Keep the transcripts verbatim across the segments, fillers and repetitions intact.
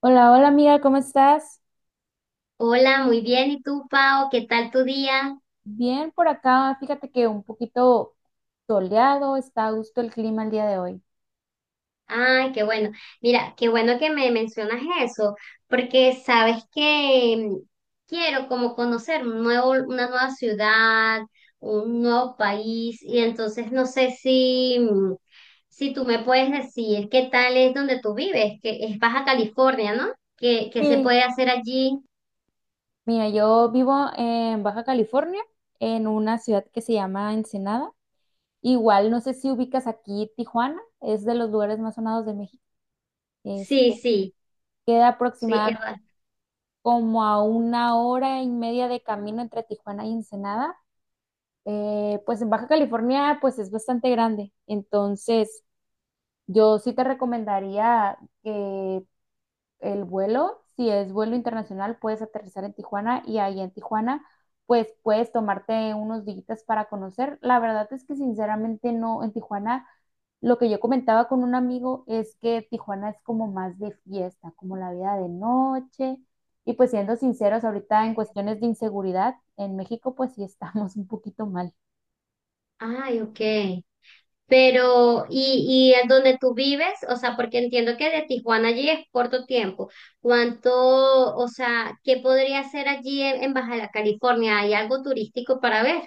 Hola, hola amiga, ¿cómo estás? Hola, muy bien. ¿Y tú, Pau? ¿Qué tal tu día? Bien por acá, fíjate que un poquito soleado, está a gusto el clima el día de hoy. Ay, qué bueno. Mira, qué bueno que me mencionas eso, porque sabes que mm, quiero como conocer un nuevo, una nueva ciudad, un nuevo país, y entonces no sé si, mm, si tú me puedes decir qué tal es donde tú vives, que es Baja California, ¿no? ¿Qué, qué se Sí. puede hacer allí? Mira, yo vivo en Baja California, en una ciudad que se llama Ensenada. Igual, no sé si ubicas aquí Tijuana, es de los lugares más sonados de México. Sí, Este, sí, queda sí, aproximadamente Eva. como a una hora y media de camino entre Tijuana y Ensenada. Eh, pues en Baja California, pues es bastante grande, entonces yo sí te recomendaría que el vuelo, si es vuelo internacional, puedes aterrizar en Tijuana y ahí en Tijuana, pues puedes tomarte unos días para conocer. La verdad es que sinceramente no, en Tijuana, lo que yo comentaba con un amigo es que Tijuana es como más de fiesta, como la vida de noche. Y pues siendo sinceros, ahorita en cuestiones de inseguridad, en México pues sí estamos un poquito mal. Ay, ok. Pero, y, y es donde tú vives, o sea, porque entiendo que de Tijuana allí es corto tiempo. ¿Cuánto, o sea, qué podría hacer allí en, en Baja California? ¿Hay algo turístico para ver?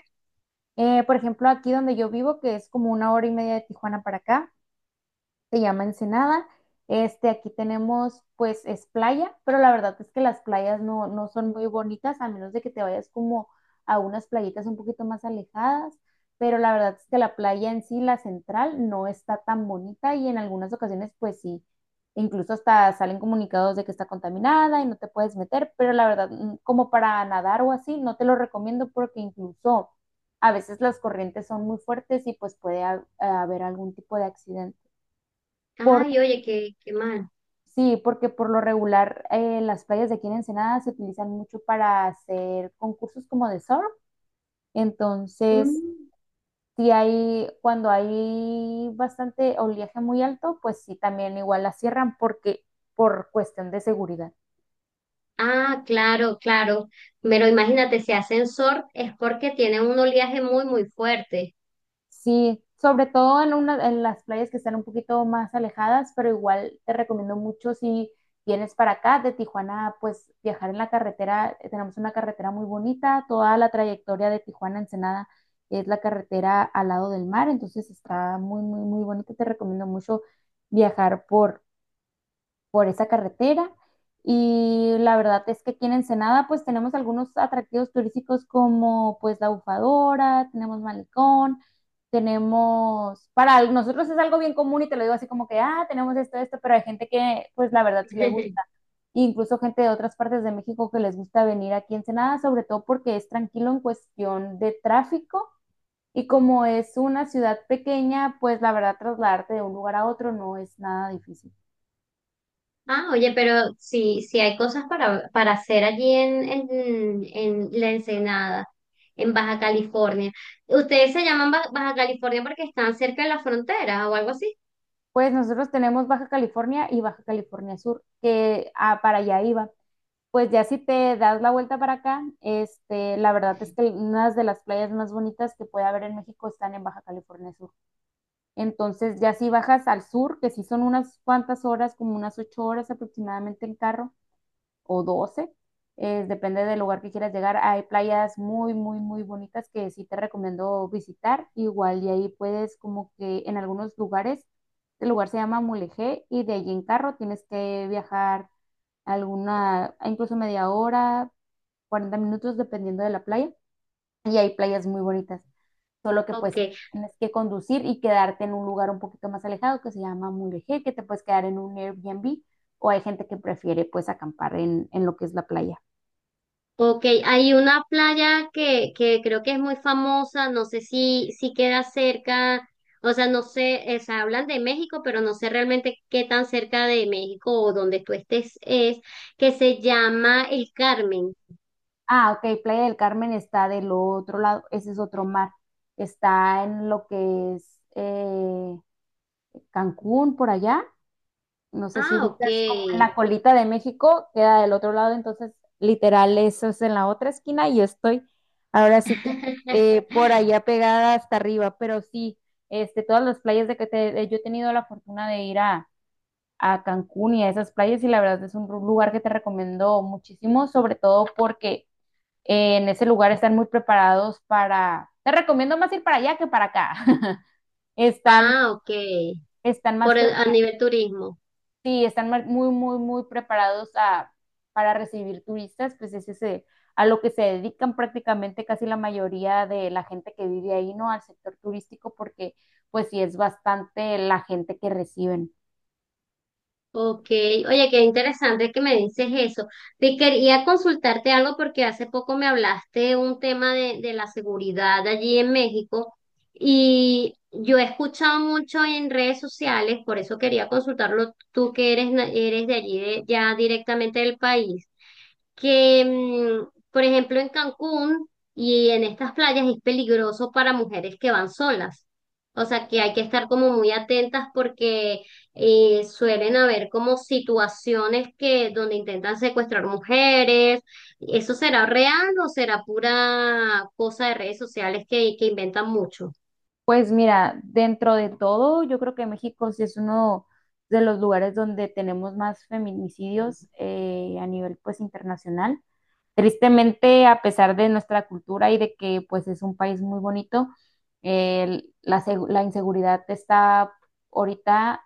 Eh, por ejemplo, aquí donde yo vivo, que es como una hora y media de Tijuana para acá. se llama Ensenada. Este, aquí tenemos, pues, es playa, pero la verdad es que las playas no, no son muy bonitas, a menos de que te vayas como a unas playitas un poquito más alejadas, pero la verdad es que la playa en sí, la central, no está tan bonita y en algunas ocasiones, pues sí, incluso hasta salen comunicados de que está contaminada y no te puedes meter, pero la verdad, mm, como para nadar o así, no te lo recomiendo porque incluso a veces las corrientes son muy fuertes y pues puede ha- haber algún tipo de accidente. Por Ay, oye, qué, qué mal. Sí, porque por lo regular eh, las playas de aquí en Ensenada se utilizan mucho para hacer concursos como de surf. Entonces, Mm. si hay, cuando hay bastante oleaje muy alto, pues sí, también igual la cierran porque por cuestión de seguridad. Ah, claro, claro. Pero imagínate, si ascensor es porque tiene un oleaje muy, muy fuerte. Sí, sobre todo en una, en las playas que están un poquito más alejadas, pero igual te recomiendo mucho si vienes para acá de Tijuana, pues viajar en la carretera, eh, tenemos una carretera muy bonita, toda la trayectoria de Tijuana a Ensenada es la carretera al lado del mar, entonces está muy, muy, muy bonito, te recomiendo mucho viajar por, por esa carretera. Y la verdad es que aquí en Ensenada pues tenemos algunos atractivos turísticos como pues la bufadora, tenemos malecón, tenemos, para al- nosotros es algo bien común y te lo digo así como que, ah, tenemos esto, esto, pero hay gente que pues la verdad sí le gusta. Incluso gente de otras partes de México que les gusta venir aquí en Ensenada, sobre todo porque es tranquilo en cuestión de tráfico y como es una ciudad pequeña, pues la verdad trasladarte de un lugar a otro no es nada difícil. Ah, oye, pero sí, sí hay cosas para, para hacer allí en, en, en La Ensenada, en Baja California. ¿Ustedes se llaman Ba- Baja California porque están cerca de la frontera o algo así? Pues nosotros tenemos Baja California y Baja California Sur, que ah, para allá iba. Pues ya si te das la vuelta para acá, este, la verdad es que unas de las playas más bonitas que puede haber en México están en Baja California Sur. Entonces ya si bajas al sur, que sí son unas cuantas horas, como unas ocho horas aproximadamente en carro, o doce. Es, depende del lugar que quieras llegar. Hay playas muy, muy, muy bonitas que sí te recomiendo visitar. Igual, y ahí puedes como que en algunos lugares, el lugar se llama Mulegé y de allí en carro tienes que viajar alguna, incluso media hora, cuarenta minutos, dependiendo de la playa y hay playas muy bonitas. Solo que pues Ok, tienes que conducir y quedarte en un lugar un poquito más alejado que se llama Mulegé, que te puedes quedar en un Airbnb o hay gente que prefiere pues acampar en, en lo que es la playa. ok. Hay una playa que, que creo que es muy famosa, no sé si, si queda cerca, o sea, no sé, eh, se hablan de México, pero no sé realmente qué tan cerca de México o donde tú estés es, que se llama El Carmen. Ah, ok, Playa del Carmen está del otro lado, ese es otro mar. Está en lo que es eh, Cancún, por allá. No sé si Ah, ok. ubicas como en la colita de México, queda del otro lado, entonces literal eso es en la otra esquina y yo estoy ahora sí que eh, por allá pegada hasta arriba, pero sí, este, todas las playas de que te- eh, yo he tenido la fortuna de ir a, a Cancún y a esas playas y la verdad es un ru- lugar que te recomiendo muchísimo, sobre todo porque eh, en ese lugar están muy preparados para, te recomiendo más ir para allá que para acá, están, Ah, ok. están más Por el- a preparados. nivel turismo. Sí, están mar- muy, muy, muy preparados a, para recibir turistas, pues es ese, a lo que se dedican prácticamente casi la mayoría de la gente que vive ahí, ¿no? Al sector turístico, porque pues sí es bastante la gente que reciben. Ok. Oye, qué interesante que me dices eso. Te quería consultarte algo porque hace poco me hablaste un tema de, de la seguridad allí en México y yo he escuchado mucho en redes sociales, por eso quería consultarlo tú que eres, na- eres de allí, de- ya directamente del país. Que, mm, por ejemplo, en Cancún y en estas playas es peligroso para mujeres que van solas. O sea, que hay que estar como muy atentas porque eh, suelen haber como situaciones que donde intentan secuestrar mujeres. ¿Eso será real o será pura cosa de redes sociales que, que inventan mucho? Pues mira, dentro de todo, yo creo que México sí es uno de los lugares donde tenemos más feminicidios eh, a nivel pues internacional. Tristemente, a pesar de nuestra cultura y de que pues es un país muy bonito, el- la, seg- la inseguridad está ahorita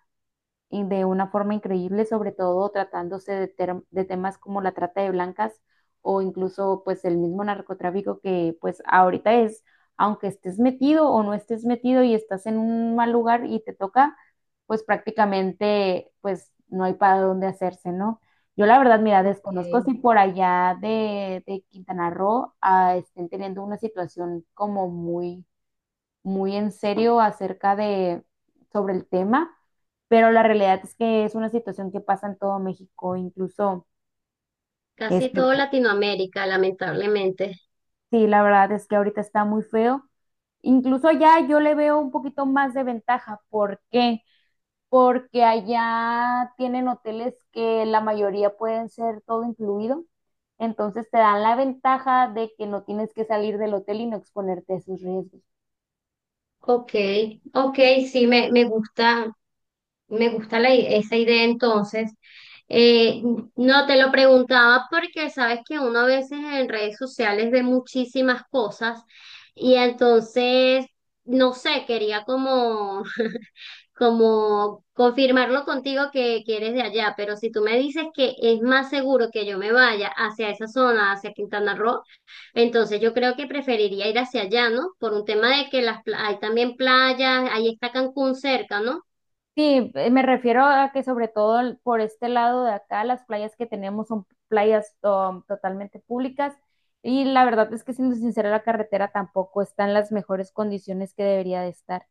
y de una forma increíble, sobre todo tratándose de, ter- de temas como la trata de blancas o incluso pues el mismo narcotráfico que pues ahorita es, aunque estés metido o no estés metido y estás en un mal lugar y te toca, pues prácticamente pues no hay para dónde hacerse, ¿no? Yo la verdad, mira, Ok. desconozco si por allá de, de Quintana Roo ah, estén teniendo una situación como muy muy en serio acerca de sobre el tema, pero la realidad es que es una situación que pasa en todo México, incluso Casi este, todo Latinoamérica, lamentablemente. sí, la verdad es que ahorita está muy feo. Incluso allá yo le veo un poquito más de ventaja. ¿Por qué? Porque allá tienen hoteles que la mayoría pueden ser todo incluido. Entonces te dan la ventaja de que no tienes que salir del hotel y no exponerte a esos riesgos. Ok, ok, sí, me, me gusta, me gusta la i- esa idea entonces. Eh, no te lo preguntaba porque sabes que uno a veces en redes sociales ve muchísimas cosas y entonces, no sé, quería como, como confirmarlo contigo que, que eres de allá, pero si tú me dices que es más seguro que yo me vaya hacia esa zona, hacia Quintana Roo, entonces yo creo que preferiría ir hacia allá, ¿no? Por un tema de que las, pla- hay también playas, ahí está Cancún cerca, ¿no? Sí, eh, me refiero a que sobre todo el- por este lado de acá, las playas que tenemos son playas um, totalmente públicas y la verdad es que siendo sincera, la carretera tampoco está en las mejores condiciones que debería de estar.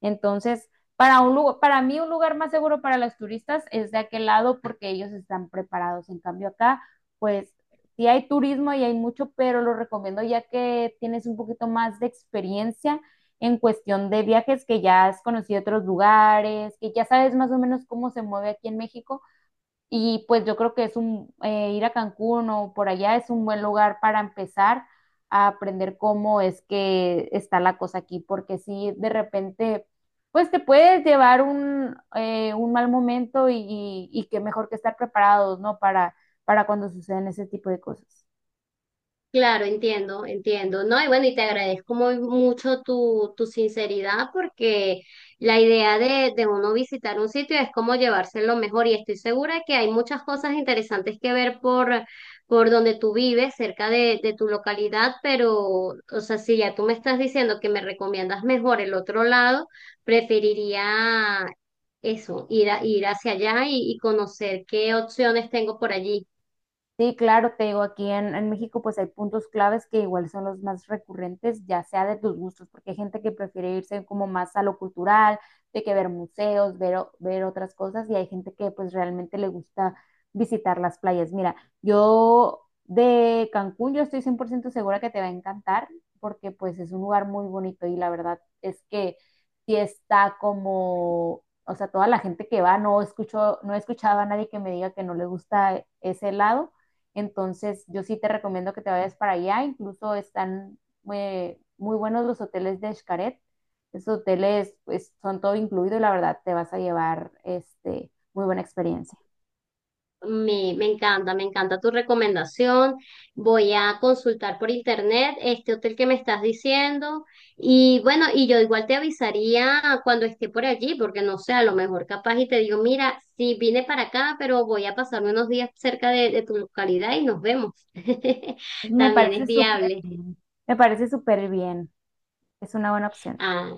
Entonces, para un lugar, para mí un lugar más seguro para los turistas es de aquel lado porque ellos están preparados. En cambio acá, pues sí hay turismo y hay mucho, pero lo recomiendo ya que tienes un poquito más de experiencia en cuestión de viajes, que ya has conocido otros lugares, que ya sabes más o menos cómo se mueve aquí en México. Y pues yo creo que es un, eh, ir a Cancún o por allá es un buen lugar para empezar a aprender cómo es que está la cosa aquí, porque si de repente, pues te puedes llevar un, eh, un mal momento y, y, y, que mejor que estar preparados, ¿no? Para, para cuando suceden ese tipo de cosas. Claro, entiendo, entiendo, ¿no? Y bueno, y te agradezco muy mucho tu, tu sinceridad porque la idea de, de uno visitar un sitio es como llevárselo mejor y estoy segura que hay muchas cosas interesantes que ver por, por donde tú vives, cerca de, de tu localidad, pero, o sea, si ya tú me estás diciendo que me recomiendas mejor el otro lado, preferiría eso, ir a, ir hacia allá y y conocer qué opciones tengo por allí. Sí, claro, te digo, aquí en, en México pues hay puntos claves que igual son los más recurrentes, ya sea de tus gustos, porque hay gente que prefiere irse como más a lo cultural, de que ver museos, ver, o- ver otras cosas, y hay gente que pues realmente le gusta visitar las playas. Mira, yo de Cancún yo estoy cien por ciento segura que te va a encantar, porque pues es un lugar muy bonito y la verdad es que sí está como... O sea, toda la gente que va, no escucho, no he escuchado a nadie que me diga que no le gusta ese lado. Entonces, yo sí te recomiendo que te vayas para allá. Incluso están muy muy buenos los hoteles de Xcaret. Esos hoteles pues, son todo incluido y la verdad te vas a llevar este, muy buena experiencia. Me, me encanta, me encanta tu recomendación. Voy a consultar por internet este hotel que me estás diciendo. Y bueno, y yo igual te avisaría cuando esté por allí, porque no sé, a lo mejor capaz y te digo, mira, sí vine para acá, pero voy a pasarme unos días cerca de, de tu localidad y nos vemos. Me También parece es súper viable. bien. Me parece súper bien. Es una buena opción. Ah,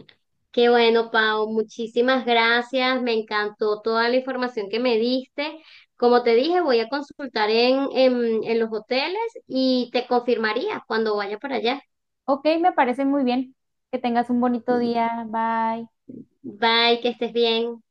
qué bueno, Pau. Muchísimas gracias. Me encantó toda la información que me diste. Como te dije, voy a consultar en, en, en los hoteles y te confirmaría cuando vaya para allá. Ok, me parece muy bien. Que tengas un bonito día. Bye. Bye, que estés bien.